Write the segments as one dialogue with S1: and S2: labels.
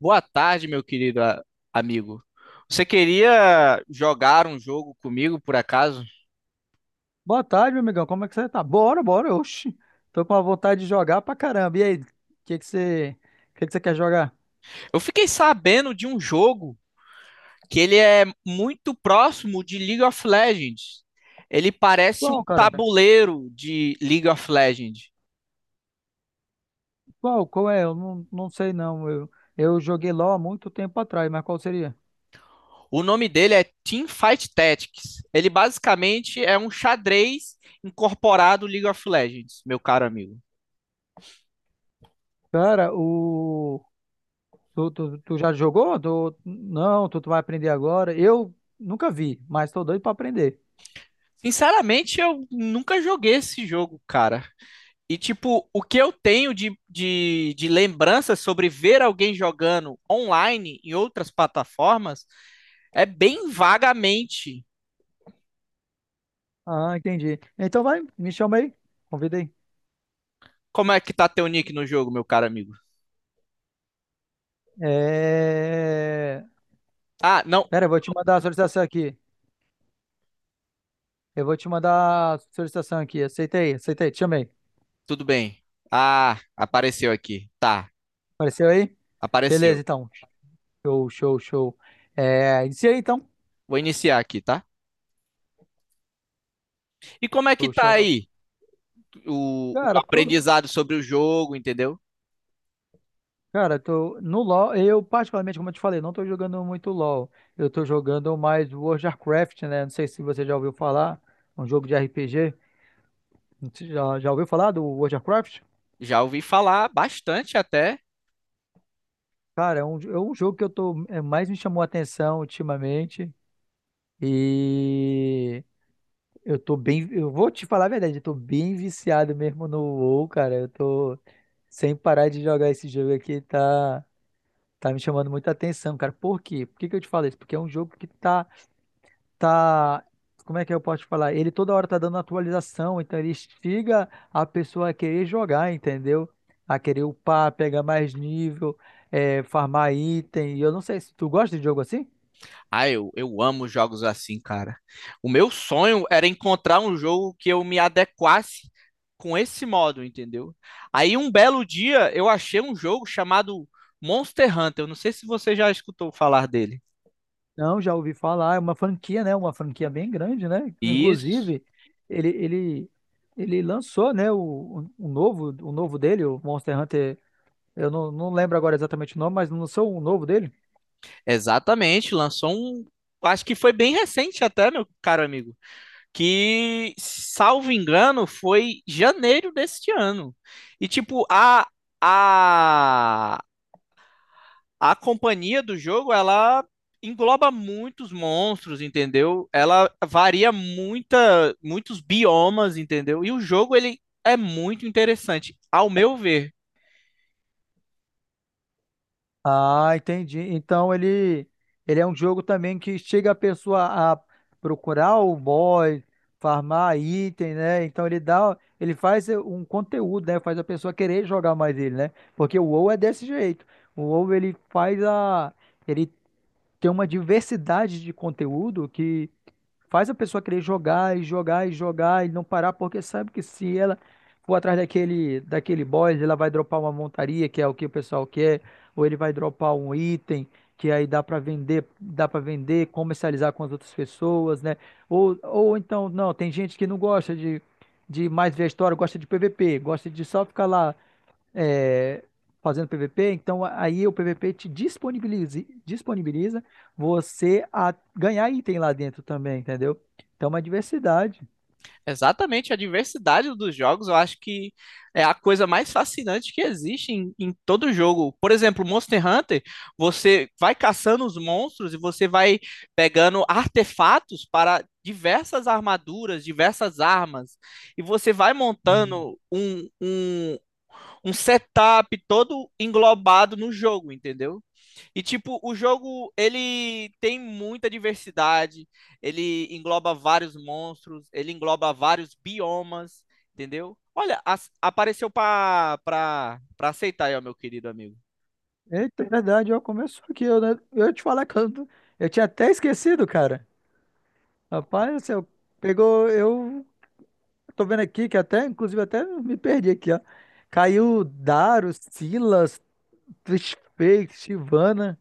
S1: Boa tarde, meu querido amigo. Você queria jogar um jogo comigo, por acaso?
S2: Boa tarde, meu amigão. Como é que você tá? Bora, bora, oxi. Tô com a vontade de jogar pra caramba. E aí, o que que você, que que você quer jogar?
S1: Eu fiquei sabendo de um jogo que ele é muito próximo de League of Legends. Ele parece um
S2: Qual, cara?
S1: tabuleiro de League of Legends.
S2: Qual é? Eu não sei não. Eu joguei LoL há muito tempo atrás, mas qual seria?
S1: O nome dele é Team Fight Tactics. Ele basicamente é um xadrez incorporado League of Legends, meu caro amigo.
S2: Cara, tu já jogou? Não, tu vai aprender agora. Eu nunca vi, mas tô doido pra aprender.
S1: Sinceramente, eu nunca joguei esse jogo, cara. E, tipo, o que eu tenho de lembrança sobre ver alguém jogando online em outras plataformas é bem vagamente.
S2: Ah, entendi. Então vai, me chama aí. Convida aí.
S1: Como é que tá teu nick no jogo, meu caro amigo?
S2: É...
S1: Ah, não,
S2: Pera, eu vou te mandar a solicitação aqui. Eu vou te mandar a solicitação aqui. Aceitei, aceitei, te chamei.
S1: tudo bem. Ah, apareceu aqui. Tá,
S2: Apareceu aí? Beleza,
S1: apareceu.
S2: então. Show, show, show. É, iniciei então.
S1: Vou iniciar aqui, tá? E como é que
S2: Show,
S1: tá
S2: show.
S1: aí o
S2: Cara, tô,
S1: aprendizado sobre o jogo, entendeu?
S2: cara, tô no LoL. Eu, particularmente, como eu te falei, não tô jogando muito LoL. Eu tô jogando mais World of Warcraft, né? Não sei se você já ouviu falar. É um jogo de RPG. Você já ouviu falar do World of Warcraft?
S1: Já ouvi falar bastante até.
S2: Cara, é um jogo que eu tô, mais me chamou a atenção ultimamente. E eu tô bem. Eu vou te falar a verdade, eu tô bem viciado mesmo no WoW, cara. Eu tô sem parar de jogar esse jogo aqui, tá, tá me chamando muita atenção, cara. Por quê? Por que que eu te falo isso? Porque é um jogo que tá. Como é que eu posso te falar? Ele toda hora tá dando atualização, então ele instiga a pessoa a querer jogar, entendeu? A querer upar, pegar mais nível, farmar item. E eu não sei se tu gosta de jogo assim?
S1: Ah, eu amo jogos assim, cara. O meu sonho era encontrar um jogo que eu me adequasse com esse modo, entendeu? Aí um belo dia eu achei um jogo chamado Monster Hunter. Eu não sei se você já escutou falar dele.
S2: Não, já ouvi falar, é uma franquia, né? Uma franquia bem grande, né?
S1: Isso.
S2: Inclusive, ele, ele, ele lançou, né, o novo dele, o Monster Hunter. Eu não lembro agora exatamente o nome, mas lançou o novo dele.
S1: Exatamente, lançou um. Acho que foi bem recente até, meu caro amigo. Que, salvo engano, foi janeiro deste ano. E, tipo, a, a companhia do jogo, ela engloba muitos monstros, entendeu? Ela varia muita, muitos biomas, entendeu? E o jogo, ele é muito interessante, ao meu ver.
S2: Ah, entendi. Então ele é um jogo também que chega a pessoa a procurar o boss, farmar item, né? Então ele faz um conteúdo, né? Faz a pessoa querer jogar mais ele, né? Porque o WoW é desse jeito. O WoW ele faz a ele tem uma diversidade de conteúdo que faz a pessoa querer jogar e jogar e jogar e não parar, porque sabe que se ela for atrás daquele boss, ela vai dropar uma montaria, que é o que o pessoal quer, ou ele vai dropar um item que aí dá para vender, comercializar com as outras pessoas, né? Ou então, não, tem gente que não gosta de mais ver a história, gosta de PVP, gosta de só ficar lá é, fazendo PVP, então aí o PVP te disponibiliza você a ganhar item lá dentro também, entendeu? Então, é uma diversidade.
S1: Exatamente, a diversidade dos jogos eu acho que é a coisa mais fascinante que existe em todo jogo. Por exemplo, Monster Hunter, você vai caçando os monstros e você vai pegando artefatos para diversas armaduras, diversas armas, e você vai
S2: Uhum.
S1: montando um setup todo englobado no jogo, entendeu? E, tipo, o jogo, ele tem muita diversidade, ele engloba vários monstros, ele engloba vários biomas, entendeu? Olha, apareceu pra aceitar aí, ó, meu querido amigo.
S2: Eita, é verdade, ó, começou aqui. Eu, né, eu ia te falar que eu tinha até esquecido, cara. Rapaz,
S1: Nossa.
S2: você pegou. Eu tô vendo aqui que até, inclusive, até me perdi aqui, ó. Caiu Daro, Silas, Trishfake, Sivana.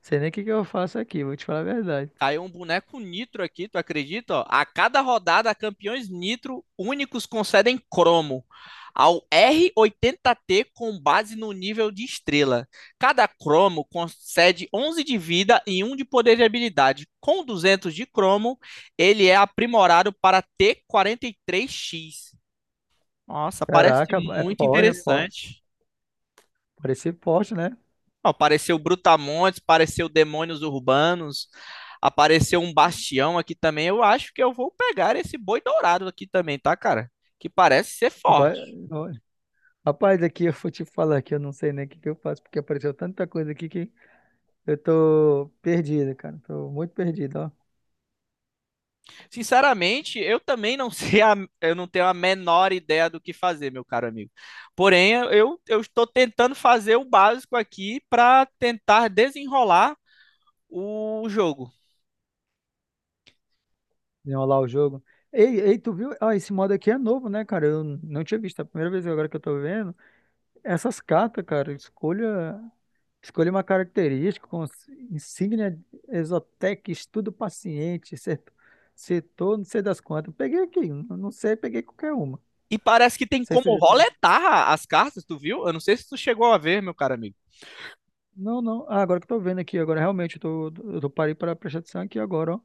S2: Sei nem o que que eu faço aqui, vou te falar a verdade.
S1: Caiu um boneco nitro aqui, tu acredita? Ó? A cada rodada, campeões nitro únicos concedem cromo ao R80T com base no nível de estrela. Cada cromo concede 11 de vida e um de poder de habilidade. Com 200 de cromo, ele é aprimorado para T43X. Nossa, parece
S2: Caraca, é
S1: muito
S2: forte, é forte.
S1: interessante.
S2: Parecer forte, né?
S1: Não, apareceu Brutamontes, apareceu Demônios Urbanos, apareceu um Bastião aqui também. Eu acho que eu vou pegar esse boi dourado aqui também, tá, cara? Que parece ser
S2: Vai-
S1: forte.
S2: ó, rapaz, aqui eu vou te falar que eu não sei nem o que que eu faço, porque apareceu tanta coisa aqui que eu tô perdido, cara. Tô muito perdido, ó.
S1: Sinceramente, eu também não sei, eu não tenho a menor ideia do que fazer, meu caro amigo. Porém, eu estou tentando fazer o básico aqui para tentar desenrolar o jogo.
S2: Desenrolar o jogo. Ei, ei, tu viu? Ah, esse modo aqui é novo, né, cara? Eu não tinha visto. É a primeira vez agora que eu tô vendo. Essas cartas, cara, escolha uma característica, com insígnia Exotec, estudo paciente, setor, não sei das quantas. Peguei aqui, não sei, peguei qualquer uma. Não
S1: E parece que tem
S2: sei se eu
S1: como
S2: já
S1: roletar as cartas, tu viu? Eu não sei se tu chegou a ver, meu caro amigo.
S2: Não, não. Ah, agora que eu tô vendo aqui, agora realmente eu tô parei para prestar atenção aqui agora, ó.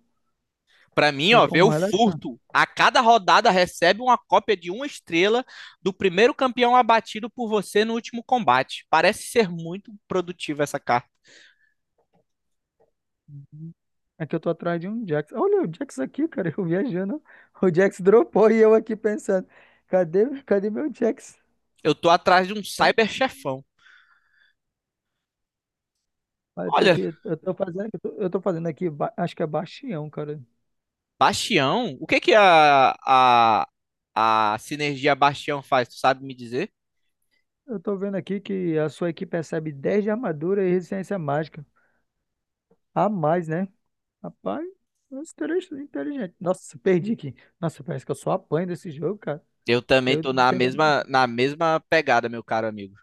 S1: Para mim,
S2: Tem
S1: ó, ver
S2: como
S1: o
S2: relaxar.
S1: furto. A cada rodada recebe uma cópia de uma estrela do primeiro campeão abatido por você no último combate. Parece ser muito produtiva essa carta.
S2: Uhum. É que eu tô atrás de um Jax. Olha o Jax aqui, cara, eu viajando. O Jax dropou e eu aqui pensando, cadê meu Jax?
S1: Eu tô atrás de um cyber chefão.
S2: Mas eu tô
S1: Olha,
S2: aqui, eu tô fazendo aqui, acho que é Bastião, cara.
S1: Bastião, o que que a sinergia Bastião faz? Tu sabe me dizer?
S2: Eu tô vendo aqui que a sua equipe recebe 10 de armadura e resistência mágica. A mais, né? Rapaz, nossa, inteligente, inteligente. Nossa, perdi aqui. Nossa, parece que eu só apanho desse jogo, cara.
S1: Eu também
S2: Eu
S1: tô na
S2: tenho que.
S1: mesma, na mesma pegada, meu caro amigo.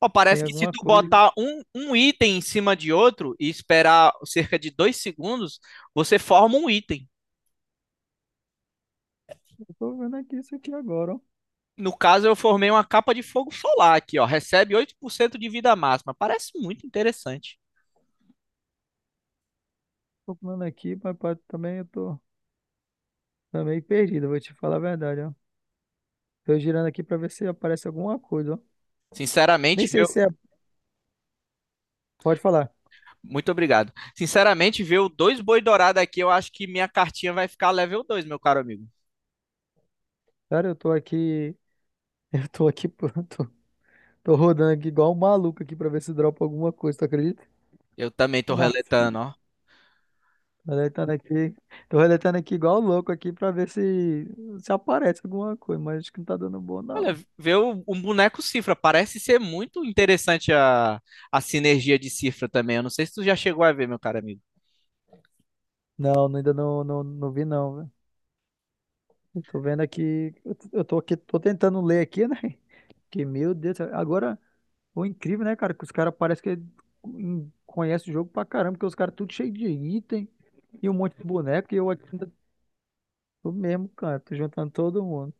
S1: Ó,
S2: Tem
S1: parece que se
S2: alguma
S1: tu
S2: coisa que
S1: botar um item em cima de outro e esperar cerca de 2 segundos, você forma um item.
S2: eu tô vendo aqui, isso aqui agora, ó.
S1: No caso, eu formei uma capa de fogo solar aqui, ó. Recebe 8% de vida máxima. Parece muito interessante.
S2: Tô comendo aqui, mas também eu tô meio perdido, vou te falar a verdade, ó. Tô girando aqui pra ver se aparece alguma coisa, ó. Nem
S1: Sinceramente,
S2: sei
S1: viu?
S2: se é. Pode falar.
S1: Muito obrigado. Sinceramente, ver o dois boi dourado aqui, eu acho que minha cartinha vai ficar level 2, meu caro amigo.
S2: Cara, eu tô aqui. Eu tô aqui pronto. Tô rodando aqui igual um maluco aqui pra ver se dropa alguma coisa, tu acredita?
S1: Eu também tô
S2: Na
S1: reletando,
S2: fita.
S1: ó.
S2: Tô deletando aqui. Tô deletando aqui igual louco aqui pra ver se aparece alguma coisa, mas acho que não tá dando bom,
S1: Olha,
S2: não.
S1: ver o boneco Cifra parece ser muito interessante a sinergia de Cifra também. Eu não sei se tu já chegou a ver, meu caro amigo.
S2: Não, ainda não, não, não vi não, velho. Eu tô vendo aqui, eu tô aqui, tô tentando ler aqui, né? Que meu Deus, agora o incrível, né, cara, que os caras parece que conhecem o jogo pra caramba, porque os caras tudo cheio de item e um monte de boneco e eu aqui ainda tô mesmo, cara, tô juntando todo mundo.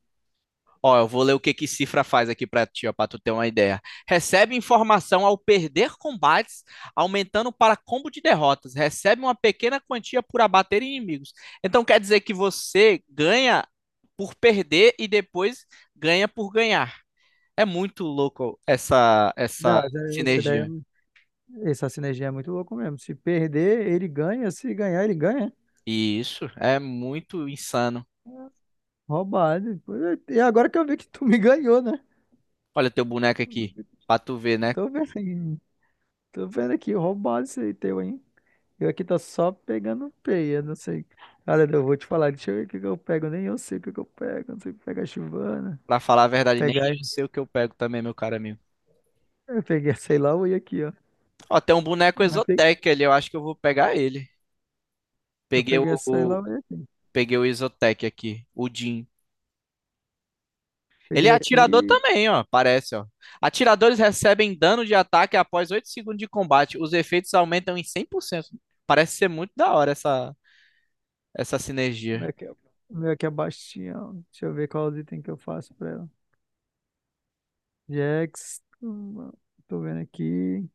S1: Ó, eu vou ler o que que Cifra faz aqui para ti, ó, para tu ter uma ideia. Recebe informação ao perder combates, aumentando para combo de derrotas. Recebe uma pequena quantia por abater inimigos. Então quer dizer que você ganha por perder e depois ganha por ganhar. É muito louco essa
S2: Não, essa essa ideia
S1: sinergia.
S2: Essa sinergia é muito louco mesmo. Se perder, ele ganha. Se ganhar, ele ganha.
S1: Isso é muito insano.
S2: Roubado. Pô, e agora que eu vi que tu me ganhou, né?
S1: Olha teu boneco aqui, para tu ver, né?
S2: Tô vendo aqui. Tô vendo aqui, roubado esse aí teu, hein? Eu aqui tô só pegando peia, não sei. Olha, eu vou te falar, deixa eu ver o que que eu pego. Nem eu sei o que que eu pego. Não sei pegar chivana.
S1: Para falar a verdade, nem
S2: Pegar.
S1: eu sei o que eu pego também, meu caro amigo.
S2: Eu peguei sei lá o aqui, ó.
S1: Ó, tem um boneco
S2: Mas pe-
S1: Exotec ali, eu acho que eu vou pegar ele.
S2: Eu
S1: Peguei
S2: peguei sei lá o aqui.
S1: o Exotec aqui, o Jhin. Ele é
S2: Peguei
S1: atirador
S2: aqui.
S1: também, ó, parece, ó. Atiradores recebem dano de ataque após 8 segundos de combate. Os efeitos aumentam em 100%. Parece ser muito da hora essa
S2: Como
S1: sinergia.
S2: é que é? O meu aqui é baixinho, ó. Deixa eu ver qual item que eu faço pra ela. Jax, tô vendo aqui.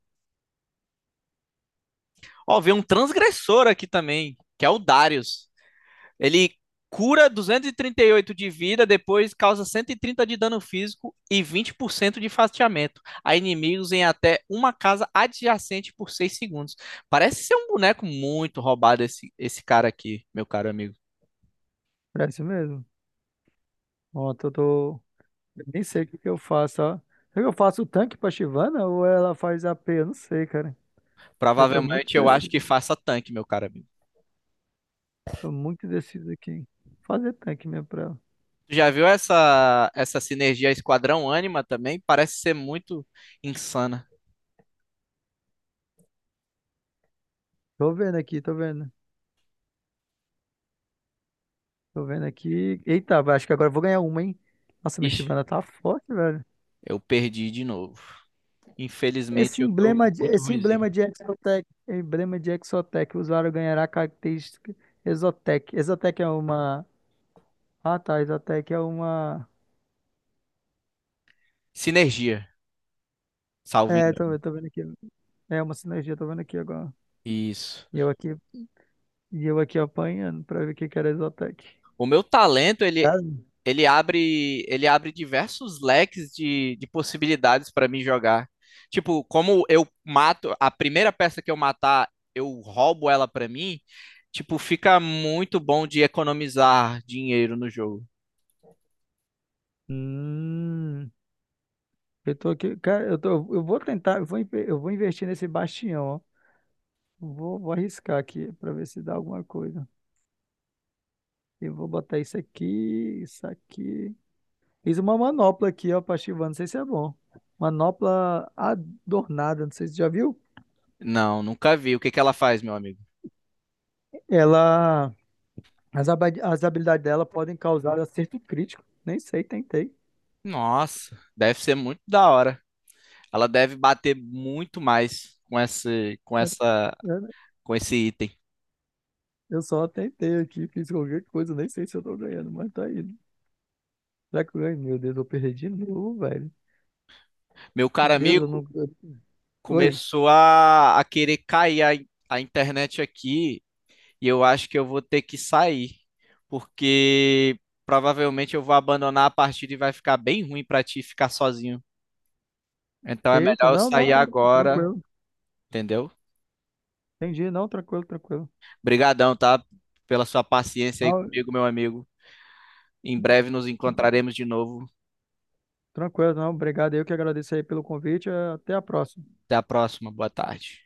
S1: Ó, veio um transgressor aqui também, que é o Darius. Ele cura duzentos e trinta e oito de vida, depois causa 130 de dano físico e 20% de fatiamento a inimigos em até uma casa adjacente por 6 segundos. Parece ser um boneco muito roubado esse cara aqui, meu caro amigo.
S2: É isso mesmo. Ontem eu tô. Eu nem sei o que que eu faço, ó. Será que eu faço o tanque pra Shyvana ou ela faz AP? Eu não sei, cara. Eu tô muito
S1: Provavelmente eu acho que
S2: deciso.
S1: faça tanque, meu caro amigo.
S2: Tô muito deciso aqui. Fazer tanque mesmo pra ela.
S1: Tu já viu essa sinergia Esquadrão Ânima também? Parece ser muito insana.
S2: Tô vendo aqui, tô vendo. Tô vendo aqui. Eita, acho que agora eu vou ganhar uma, hein? Nossa, minha
S1: Ixi,
S2: Shyvana tá forte, velho.
S1: eu perdi de novo. Infelizmente
S2: Esse
S1: eu tô
S2: emblema de,
S1: muito
S2: esse
S1: ruimzinho.
S2: emblema de Exotec, emblema de Exotec, o usuário ganhará característica Exotec. Exotec é uma. Ah, tá. Isotec é uma.
S1: Sinergia, salvo
S2: É,
S1: engano.
S2: eu tô vendo aqui. É uma sinergia, tô vendo aqui agora.
S1: Isso.
S2: E eu aqui, e eu aqui apanhando pra ver o que que era Isotec.
S1: O meu talento, ele,
S2: Ah,
S1: ele abre, ele abre diversos leques de possibilidades para mim jogar. Tipo, como eu mato, a primeira peça que eu matar, eu roubo ela para mim, tipo, fica muito bom de economizar dinheiro no jogo.
S2: Hum, eu tô aqui, cara, eu vou tentar, eu vou investir nesse bastião, ó. Vou arriscar aqui pra ver se dá alguma coisa. Eu vou botar isso aqui, isso aqui. Fiz uma manopla aqui, ó, pra ativar, não sei se é bom. Manopla adornada, não sei se você já viu.
S1: Não, nunca vi. O que que ela faz, meu amigo?
S2: Ela As habilidades dela podem causar acerto crítico. Nem sei, tentei.
S1: Nossa, deve ser muito da hora. Ela deve bater muito mais com esse, com essa,
S2: Eu
S1: com esse item.
S2: eu só tentei aqui, fiz qualquer coisa, nem sei se eu tô ganhando, mas tá aí. Será que eu ganho? Meu Deus, eu perdi de novo, velho.
S1: Meu caro
S2: Meu Deus, eu
S1: amigo,
S2: não. Oi.
S1: começou a querer cair a internet aqui e eu acho que eu vou ter que sair, porque provavelmente eu vou abandonar a partida e vai ficar bem ruim pra ti ficar sozinho. Então é
S2: Eita,
S1: melhor eu
S2: não, não,
S1: sair agora,
S2: tranquilo.
S1: entendeu?
S2: Entendi, não, tranquilo, tranquilo.
S1: Obrigadão, tá? Pela sua paciência aí
S2: Não,
S1: comigo, meu amigo. Em breve nos encontraremos de novo.
S2: tranquilo, não, obrigado. Eu que agradeço aí pelo convite. Até a próxima.
S1: Até a próxima. Boa tarde.